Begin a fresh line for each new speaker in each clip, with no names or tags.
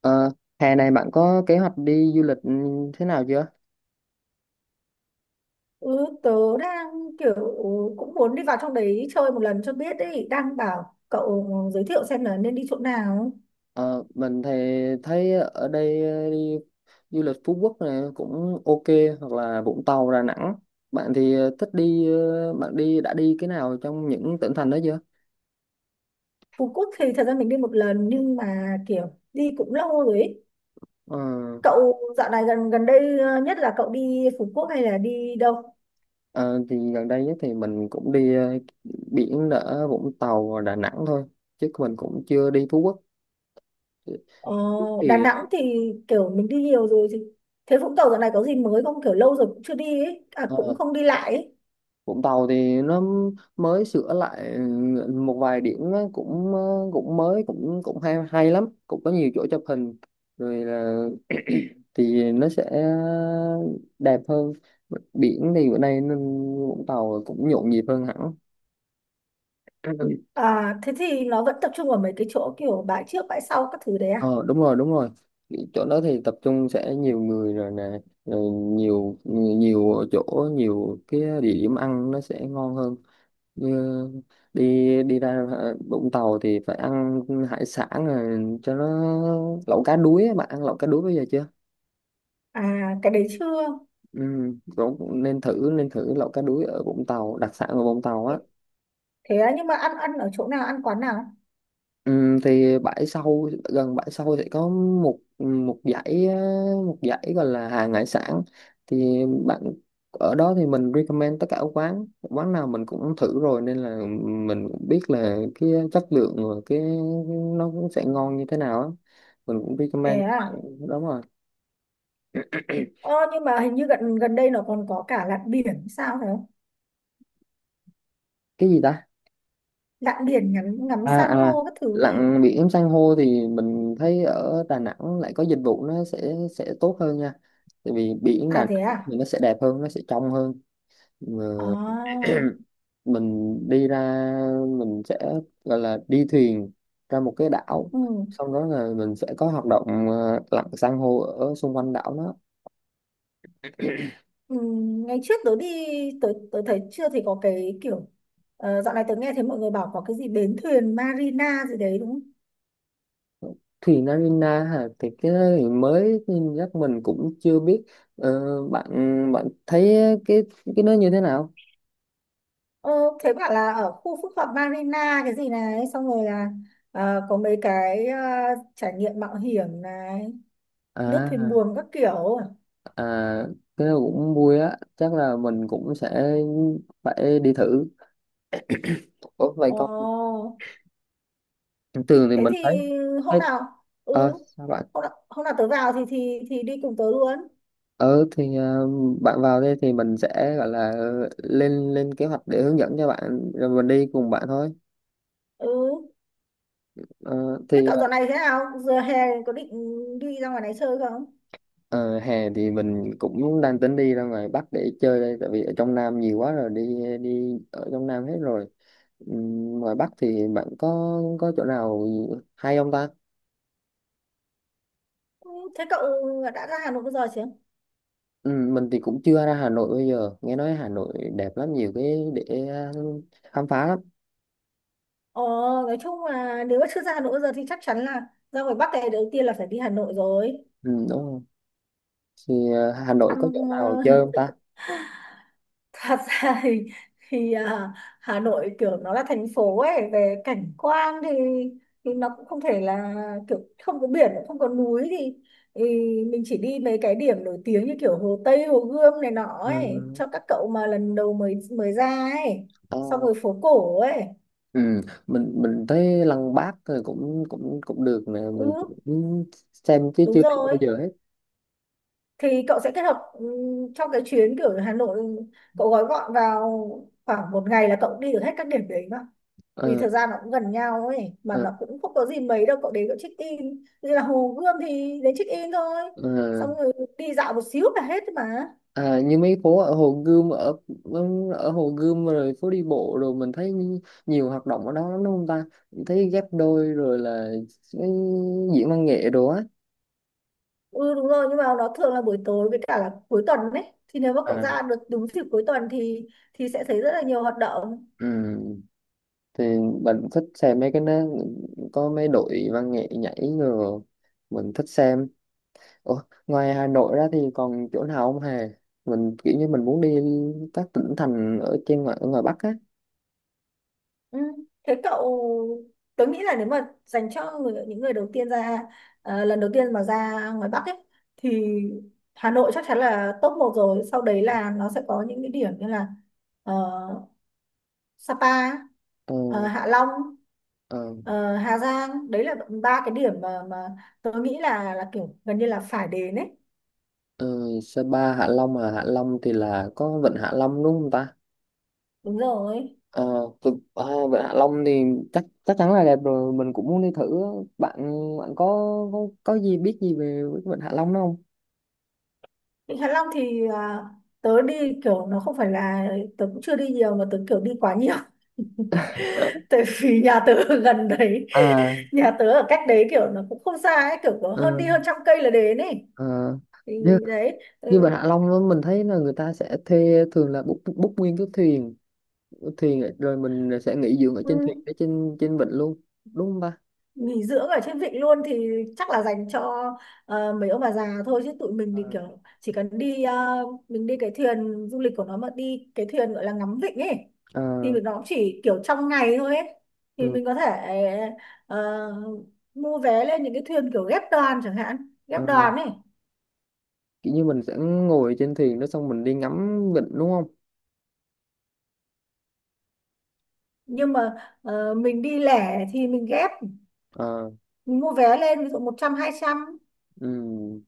Ờ, Hè này bạn có kế hoạch đi du lịch thế nào chưa?
Ừ, tớ đang kiểu cũng muốn đi vào trong đấy chơi một lần cho biết ấy đang bảo cậu giới thiệu xem là nên đi chỗ nào.
Ờ, mình thì thấy ở đây đi du lịch Phú Quốc này cũng ok hoặc là Vũng Tàu, Đà Nẵng. Bạn thì thích đi bạn đã đi cái nào trong những tỉnh thành đó chưa?
Phú Quốc thì thật ra mình đi một lần nhưng mà kiểu đi cũng lâu rồi ấy.
Ờ,
Cậu dạo này gần gần đây nhất là cậu đi Phú Quốc hay là đi đâu?
ờ, thì gần đây nhất thì mình cũng đi biển ở Vũng Tàu và Đà Nẵng thôi chứ mình cũng chưa đi Phú Quốc.
ờ, Đà
Thì
Nẵng thì kiểu mình đi nhiều rồi, thì thế Vũng Tàu dạo này có gì mới không, kiểu lâu rồi cũng chưa đi ấy à,
ờ,
cũng không đi lại ấy.
Vũng Tàu thì nó mới sửa lại một vài điểm á, cũng cũng mới, cũng cũng hay hay lắm, cũng có nhiều chỗ chụp hình rồi là thì nó sẽ đẹp hơn. Biển thì bữa nay nên Vũng Tàu cũng nhộn nhịp hơn hẳn.
À, thế thì nó vẫn tập trung ở mấy cái chỗ kiểu bãi trước bãi sau các thứ đấy à?
Ờ, đúng rồi, đúng rồi, chỗ đó thì tập trung sẽ nhiều người rồi nè, rồi nhiều nhiều chỗ, nhiều cái địa điểm ăn nó sẽ ngon hơn. Như đi đi ra Vũng Tàu thì phải ăn hải sản, rồi cho nó lẩu cá đuối á. Bạn ăn lẩu cá đuối bây giờ chưa?
À, cái đấy chưa.
Ừ, cũng cũng nên thử, nên thử lẩu cá đuối ở Vũng Tàu, đặc sản ở Vũng Tàu á.
Thế á, nhưng mà ăn ăn ở chỗ nào, ăn quán nào?
Thì bãi sau, gần bãi sau sẽ có một một dãy á, một dãy gọi là hàng hải sản, thì bạn ở đó thì mình recommend tất cả các quán, quán nào mình cũng thử rồi nên là mình cũng biết là cái chất lượng và cái nó cũng sẽ ngon như thế nào á, mình cũng
Thế
recommend.
à?
Đúng rồi.
Ờ, nhưng mà hình như gần gần đây nó còn có cả lặn biển sao phải không?
Cái gì ta?
Lặn biển ngắm ngắm
À,
san
à,
hô các thứ ấy.
lặn biển san hô thì mình thấy ở Đà Nẵng lại có dịch vụ nó sẽ tốt hơn nha, tại vì biển Đà
À thế
Nẵng
à?
thì nó sẽ đẹp hơn, nó sẽ trong hơn. Mà
À,
mình đi ra, mình sẽ gọi là đi thuyền ra một cái đảo,
ừ.
xong đó là mình sẽ có hoạt động lặn san hô ở xung quanh đảo đó.
Ừ. Ngày trước tớ đi, tớ thấy chưa thì có cái kiểu, ờ, dạo này tớ nghe thấy mọi người bảo có cái gì bến thuyền Marina gì đấy đúng không?
Thuyền Narina hả? Thì cái đó thì mới nên chắc mình cũng chưa biết. Ờ, bạn bạn thấy cái cái nó như thế nào?
Ờ, thế bảo là ở khu phức hợp Marina cái gì này, xong rồi là có mấy cái trải nghiệm mạo hiểm này,
À,
lướt thuyền
à.
buồm các kiểu.
À, cái đó cũng vui á, chắc là mình cũng sẽ phải đi thử. Ủa, vậy con
Ồ,
thường thì
thế
mình
thì
thấy,
hôm
thấy
nào ừ,
sao bạn
hôm nào tớ vào thì đi cùng tớ luôn.
ờ thì bạn vào đây thì mình sẽ gọi là lên lên kế hoạch để hướng dẫn cho bạn, rồi mình đi cùng bạn thôi.
Ừ,
Ờ,
thế
thì
cậu dạo này thế nào? Giờ hè có định đi ra ngoài này chơi không?
ờ, Hè thì mình cũng đang tính đi ra ngoài Bắc để chơi đây, tại vì ở trong Nam nhiều quá rồi, đi đi ở trong Nam hết rồi. Ngoài Bắc thì bạn có chỗ nào hay không ta?
Ừ, thế cậu đã ra Hà Nội bao giờ chưa?
Ừ, mình thì cũng chưa ra Hà Nội, bây giờ nghe nói Hà Nội đẹp lắm, nhiều cái để khám phá lắm.
Ồ, nói chung là nếu mà chưa ra Hà Nội bao giờ thì chắc chắn là ra ngoài Bắc này đầu tiên là phải đi Hà Nội rồi.
Ừ, đúng không, thì Hà Nội có
Thăm
chỗ nào
ờ,
chơi không ta?
thật ra thì à, Hà Nội kiểu nó là thành phố ấy, về cảnh quan thì nó cũng không thể là, kiểu không có biển không có núi thì mình chỉ đi mấy cái điểm nổi tiếng như kiểu Hồ Tây Hồ Gươm này nọ ấy,
Ừ,
cho các cậu mà lần đầu mới mới ra ấy,
à,
xong rồi phố cổ ấy.
ừ, mình thấy Lăng Bác rồi cũng cũng cũng được nè,
Ừ,
mình cũng xem chứ
đúng
chưa đi bao
rồi,
giờ hết.
thì cậu sẽ kết hợp trong cái chuyến kiểu Hà Nội cậu gói gọn vào khoảng một ngày là cậu đi được hết các điểm đấy mà, vì
Ờ,
thời gian nó cũng gần nhau ấy mà,
ờ,
nó cũng không có gì mấy đâu, cậu đến cậu check in như là Hồ Gươm thì đến check in thôi,
ờ.
xong rồi đi dạo một xíu là hết mà.
À, như mấy phố ở Hồ Gươm, ở ở Hồ Gươm rồi phố đi bộ, rồi mình thấy nhiều hoạt động ở đó lắm đúng không ta, thấy ghép đôi rồi là cái diễn văn nghệ đồ á.
Ừ đúng rồi, nhưng mà nó thường là buổi tối với cả là cuối tuần đấy, thì nếu mà cậu
À,
ra được đúng dịp cuối tuần thì sẽ thấy rất là nhiều hoạt động.
ừm, thì mình thích xem mấy cái nó có mấy đội văn nghệ nhảy rồi, mình thích xem. Ủa, ngoài Hà Nội ra thì còn chỗ nào không hề? Mình kiểu như mình muốn đi các tỉnh thành ở trên, ngoài ở ngoài Bắc á.
Ừ. Thế cậu, tớ nghĩ là nếu mà dành cho người, những người đầu tiên ra lần đầu tiên mà ra ngoài Bắc ấy, thì Hà Nội chắc chắn là top 1 rồi, sau đấy là nó sẽ có những cái điểm như là ờ, Sapa,
ờ,
ờ, Hạ Long,
ờ,
ờ, Hà Giang, đấy là ba cái điểm mà tớ nghĩ là kiểu gần như là phải đến ấy.
ờ, Sapa, Hạ Long, à Hạ Long thì là có vịnh Hạ Long đúng không ta?
Đúng rồi.
Ờ, à, vịnh Hạ Long thì chắc chắc chắn là đẹp rồi, mình cũng muốn đi thử á. Bạn bạn có gì, biết gì về cái vịnh Hạ Long đó không?
Vịnh Hạ Long thì à, tớ đi kiểu nó không phải là, tớ cũng chưa đi nhiều mà tớ kiểu đi quá nhiều, tại vì nhà tớ ở gần đấy,
À,
nhà tớ ở cách đấy kiểu nó cũng không xa ấy, kiểu có
ờ.
hơn đi hơn 100 cây là đến ấy,
Ờ,
thì
như
đấy.
như Vịnh
Ừ,
Hạ Long á, mình thấy là người ta sẽ thuê, thường là book book nguyên cái thuyền, thuyền rồi mình sẽ nghỉ dưỡng ở
ừ,
trên thuyền, ở trên trên vịnh luôn đúng không ba?
nghỉ dưỡng ở trên vịnh luôn thì chắc là dành cho ờ, mấy ông bà già thôi, chứ tụi mình thì
Ờ,
kiểu chỉ cần đi ờ, mình đi cái thuyền du lịch của nó, mà đi cái thuyền gọi là ngắm vịnh ấy, thì
ờ,
nó cũng chỉ kiểu trong ngày thôi ấy, thì
ừ,
mình có thể ờ, mua vé lên những cái thuyền kiểu ghép đoàn chẳng hạn,
ờ,
ghép đoàn ấy,
kiểu như mình sẽ ngồi trên thuyền đó, xong mình đi ngắm vịnh đúng không?
nhưng mà ờ, mình đi lẻ thì mình ghép,
Ờ,
mình mua vé lên ví dụ 100 200.
ừ.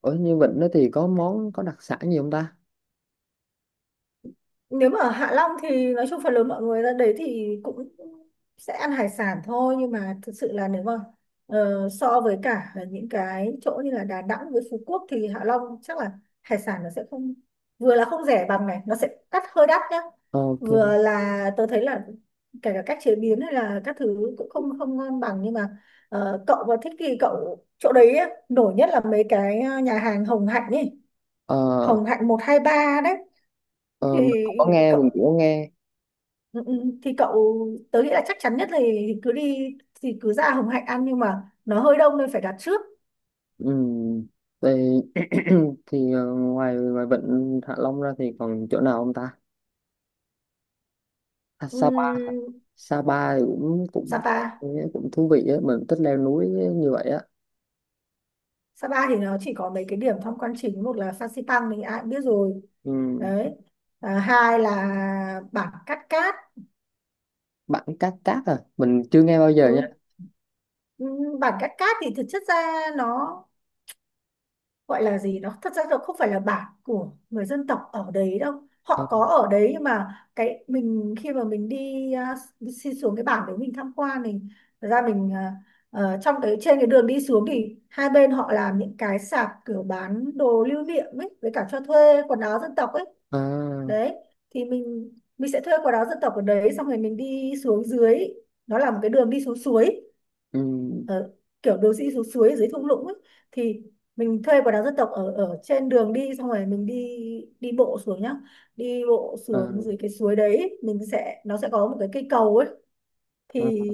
Ở như vịnh đó thì có món, có đặc sản gì không ta?
Nếu mà ở Hạ Long thì nói chung phần lớn mọi người ra đấy thì cũng sẽ ăn hải sản thôi, nhưng mà thực sự là nếu mà ờ, so với cả những cái chỗ như là Đà Nẵng với Phú Quốc thì Hạ Long chắc là hải sản nó sẽ không, vừa là không rẻ bằng, này nó sẽ đắt, hơi đắt nhá,
Ờ, Ok.
vừa là tôi thấy là kể cả cách chế biến hay là các thứ cũng không không ngon bằng, nhưng mà ờ, cậu mà thích thì cậu chỗ đấy á, nổi nhất là mấy cái ờ, nhà hàng Hồng Hạnh ấy,
Ờ,
Hồng Hạnh 1 2 3 đấy. Thì
ờ, mình không có nghe,
cậu.
mình cũng có nghe.
Ừ, ừ. Thì cậu, tớ nghĩ là chắc chắn nhất là thì cứ đi, thì cứ ra Hồng Hạnh ăn, nhưng mà nó hơi đông nên phải đặt trước.
Ừ. Thì thì ngoài, ngoài vịnh Hạ Long ra thì còn chỗ nào không ta? À, Sapa hả?
Ừm,
Sapa thì cũng cũng
Sapa.
cũng thú vị á, mình thích leo núi như vậy á.
Sapa thì nó chỉ có mấy cái điểm tham quan chính, một là Phan Xipang mình ai cũng biết rồi
Ừ.
đấy, à, hai là bản Cát Cát.
Bản Cát Cát à, mình chưa nghe bao giờ nha.
Ừ. Ừm, bản Cát Cát thì thực chất ra nó gọi là gì đó, thật ra là không phải là bản của người dân tộc ở đấy đâu,
Ờ,
họ có ở đấy, nhưng mà cái mình khi mà mình đi à, xin xuống cái bản đấy mình tham quan thì thật ra mình à, ờ, trong cái trên cái đường đi xuống thì hai bên họ làm những cái sạp kiểu bán đồ lưu niệm ấy với cả cho thuê quần áo dân tộc ấy
à,
đấy, thì mình sẽ thuê quần áo dân tộc ở đấy xong rồi mình đi xuống dưới, nó là một cái đường đi xuống suối,
ừ,
ờ, kiểu đồ sĩ xuống suối ở dưới thung lũng ấy. Thì mình thuê quần áo dân tộc ở ở trên đường đi xong rồi mình đi, đi bộ xuống nhá, đi bộ
ờ,
xuống dưới cái suối đấy, mình sẽ, nó sẽ có một cái cây cầu ấy,
ờ,
thì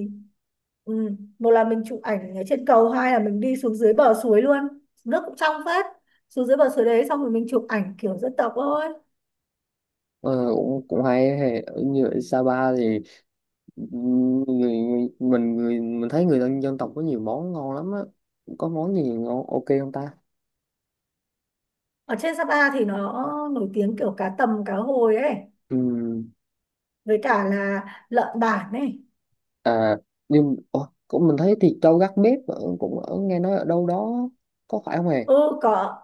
ừ, một là mình chụp ảnh ở trên cầu, hai là mình đi xuống dưới bờ suối luôn, nước cũng trong phết, xuống dưới bờ suối đấy xong rồi mình chụp ảnh kiểu dân tộc thôi.
ờ, cũng cũng hay hay. Như ở Sapa thì ừ, người, người mình, người mình thấy người dân, dân tộc có nhiều món ngon lắm á, có món gì ngon ok không ta?
Ở trên Sapa thì nó nổi tiếng kiểu cá tầm cá hồi ấy,
Ừ.
với cả là lợn bản ấy.
À, nhưng ủa, cũng mình thấy thịt trâu gác bếp ở, cũng ở nghe nói ở đâu đó có phải không hề?
Ừ có,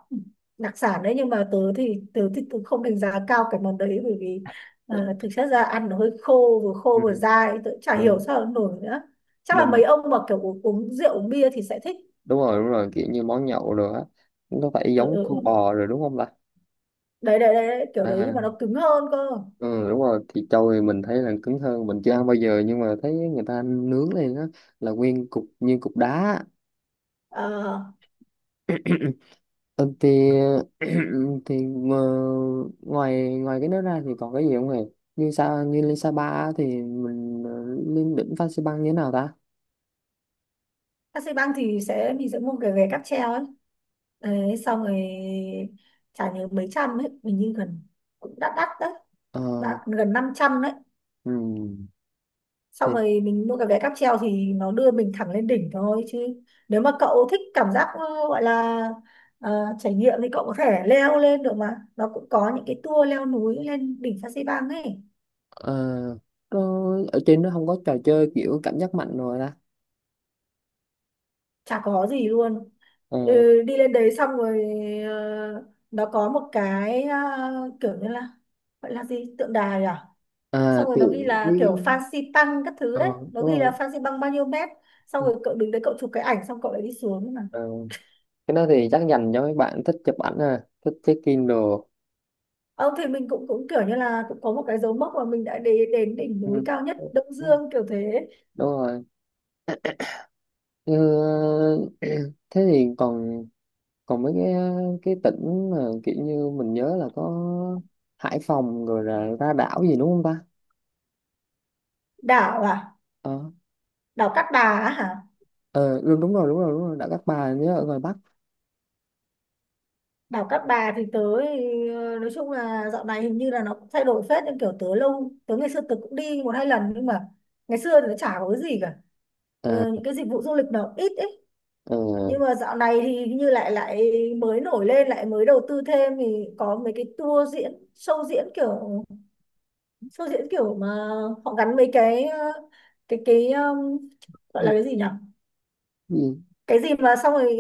đặc sản đấy, nhưng mà tớ thì tớ không đánh giá cao cái món đấy, bởi vì ờ, thực chất ra ăn nó hơi khô, vừa khô
Ừ.
vừa dai, tớ chả
Ờ,
hiểu sao nó nổi nữa. Chắc là mấy
mình
ông mà kiểu uống rượu uống bia thì sẽ thích.
đúng rồi, đúng rồi, kiểu như món nhậu rồi á, nó phải
Ừ, ừ,
giống cua
ừ.
bò rồi đúng không ta?
Đấy, đấy, kiểu
À,
đấy, nhưng mà nó cứng hơn cơ.
ừ, đúng rồi, thịt trâu thì mình thấy là cứng hơn, mình chưa ăn bao giờ nhưng mà thấy người ta nướng lên á, là nguyên cục như cục đá.
uh,
Ừ, thì thì ờ, ngoài, ngoài cái đó ra thì còn cái gì không hề? Như sao, như lên Sapa á thì mình lên đỉnh Phan Xi Păng như thế nào ta?
Taxi băng thì sẽ, mình sẽ mua cái vé cáp treo ấy đấy, xong rồi trả nhớ mấy trăm ấy mình, như gần, cũng đắt đắt đấy.
Ờ.
Đã- gần 500 đấy.
Ừm, thì
Xong rồi mình mua cái vé cáp treo thì nó đưa mình thẳng lên đỉnh thôi, chứ nếu mà cậu thích cảm giác ờ, gọi là ờ, trải nghiệm thì cậu có thể leo lên được mà, nó cũng có những cái tour leo núi lên đỉnh Phan Xi Pang ấy.
ờ, ở trên nó không có trò chơi kiểu cảm giác mạnh rồi ta?
Chả có gì luôn,
Ờ,
ừ, đi lên đấy xong rồi ờ, nó có một cái ờ, kiểu như là gọi là gì, tượng đài à,
à
xong rồi nó ghi
tự
là kiểu
với
Phan Xi Pang các thứ đấy,
ờ
nó
đúng
ghi là
rồi.
Phan Xi Pang bao nhiêu mét, xong
Ừ.
rồi cậu đứng đấy cậu chụp cái ảnh xong cậu lại đi xuống.
Ờ, cái đó thì chắc dành cho mấy bạn thích chụp ảnh, à thích check Kindle.
Ờ, thì mình cũng cũng kiểu như là cũng có một cái dấu mốc mà mình đã đến đến đỉnh núi
Ừ.
cao nhất Đông Dương kiểu thế.
Đúng rồi. Như, thế thì còn, còn mấy cái tỉnh mà kiểu như mình nhớ là có Hải Phòng rồi là ra đảo gì đúng không ta?
Đảo à,
Ờ.
đảo Cát Bà á hả.
Ờ, đúng, đúng rồi đảo Cát Bà, nhớ ở ngoài Bắc.
Đảo Cát Bà thì tớ thì, ờ, nói chung là dạo này hình như là nó cũng thay đổi phết, nhưng kiểu tớ lâu tớ ngày xưa tớ cũng đi một hai lần, nhưng mà ngày xưa thì nó chả có cái gì cả.
À,
Ờ, những cái dịch vụ du lịch nó ít ấy,
ờ,
nhưng mà dạo này thì hình như lại lại mới nổi lên, lại mới đầu tư thêm, thì có mấy cái tour diễn, show diễn kiểu, show diễn kiểu mà họ gắn mấy cái ờ, cái gọi là
đâu-
cái gì nhỉ,
gì?
cái gì mà xong rồi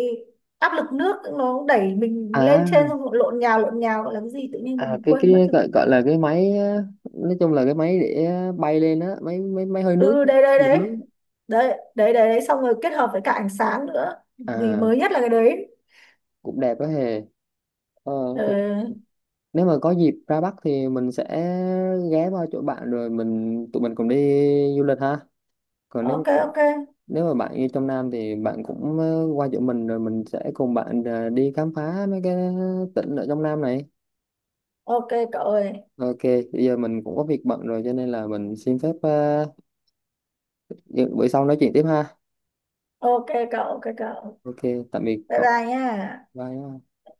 áp lực nước nó đẩy mình lên trên
À
xong rồi lộn nhào, lộn nhào, gọi là cái gì tự nhiên
à,
mình
cái
quên mất rồi.
gọi, gọi là cái máy á, nói chung là cái máy để bay lên á, máy máy máy hơi nước,
Ừ, đấy đấy đấy
lực nước.
đấy, đấy đấy đấy, xong rồi kết hợp với cả ánh sáng nữa, gì
À,
mới nhất là cái đấy.
cũng đẹp đó hề. Ờ, thì
Ừ.
nếu mà có dịp ra Bắc thì mình sẽ ghé qua chỗ bạn rồi mình, tụi mình cùng đi du lịch ha. Còn nếu,
OK OK.
nếu mà bạn như trong Nam thì bạn cũng qua chỗ mình rồi mình sẽ cùng bạn đi khám phá mấy cái tỉnh ở trong Nam này.
OK cậu ơi.
Ok, bây giờ mình cũng có việc bận rồi cho nên là mình xin phép, bữa sau nói chuyện tiếp ha.
OK cậu, OK cậu.
Ok, tạm biệt
Bye
cậu.
bye nha.
Bye.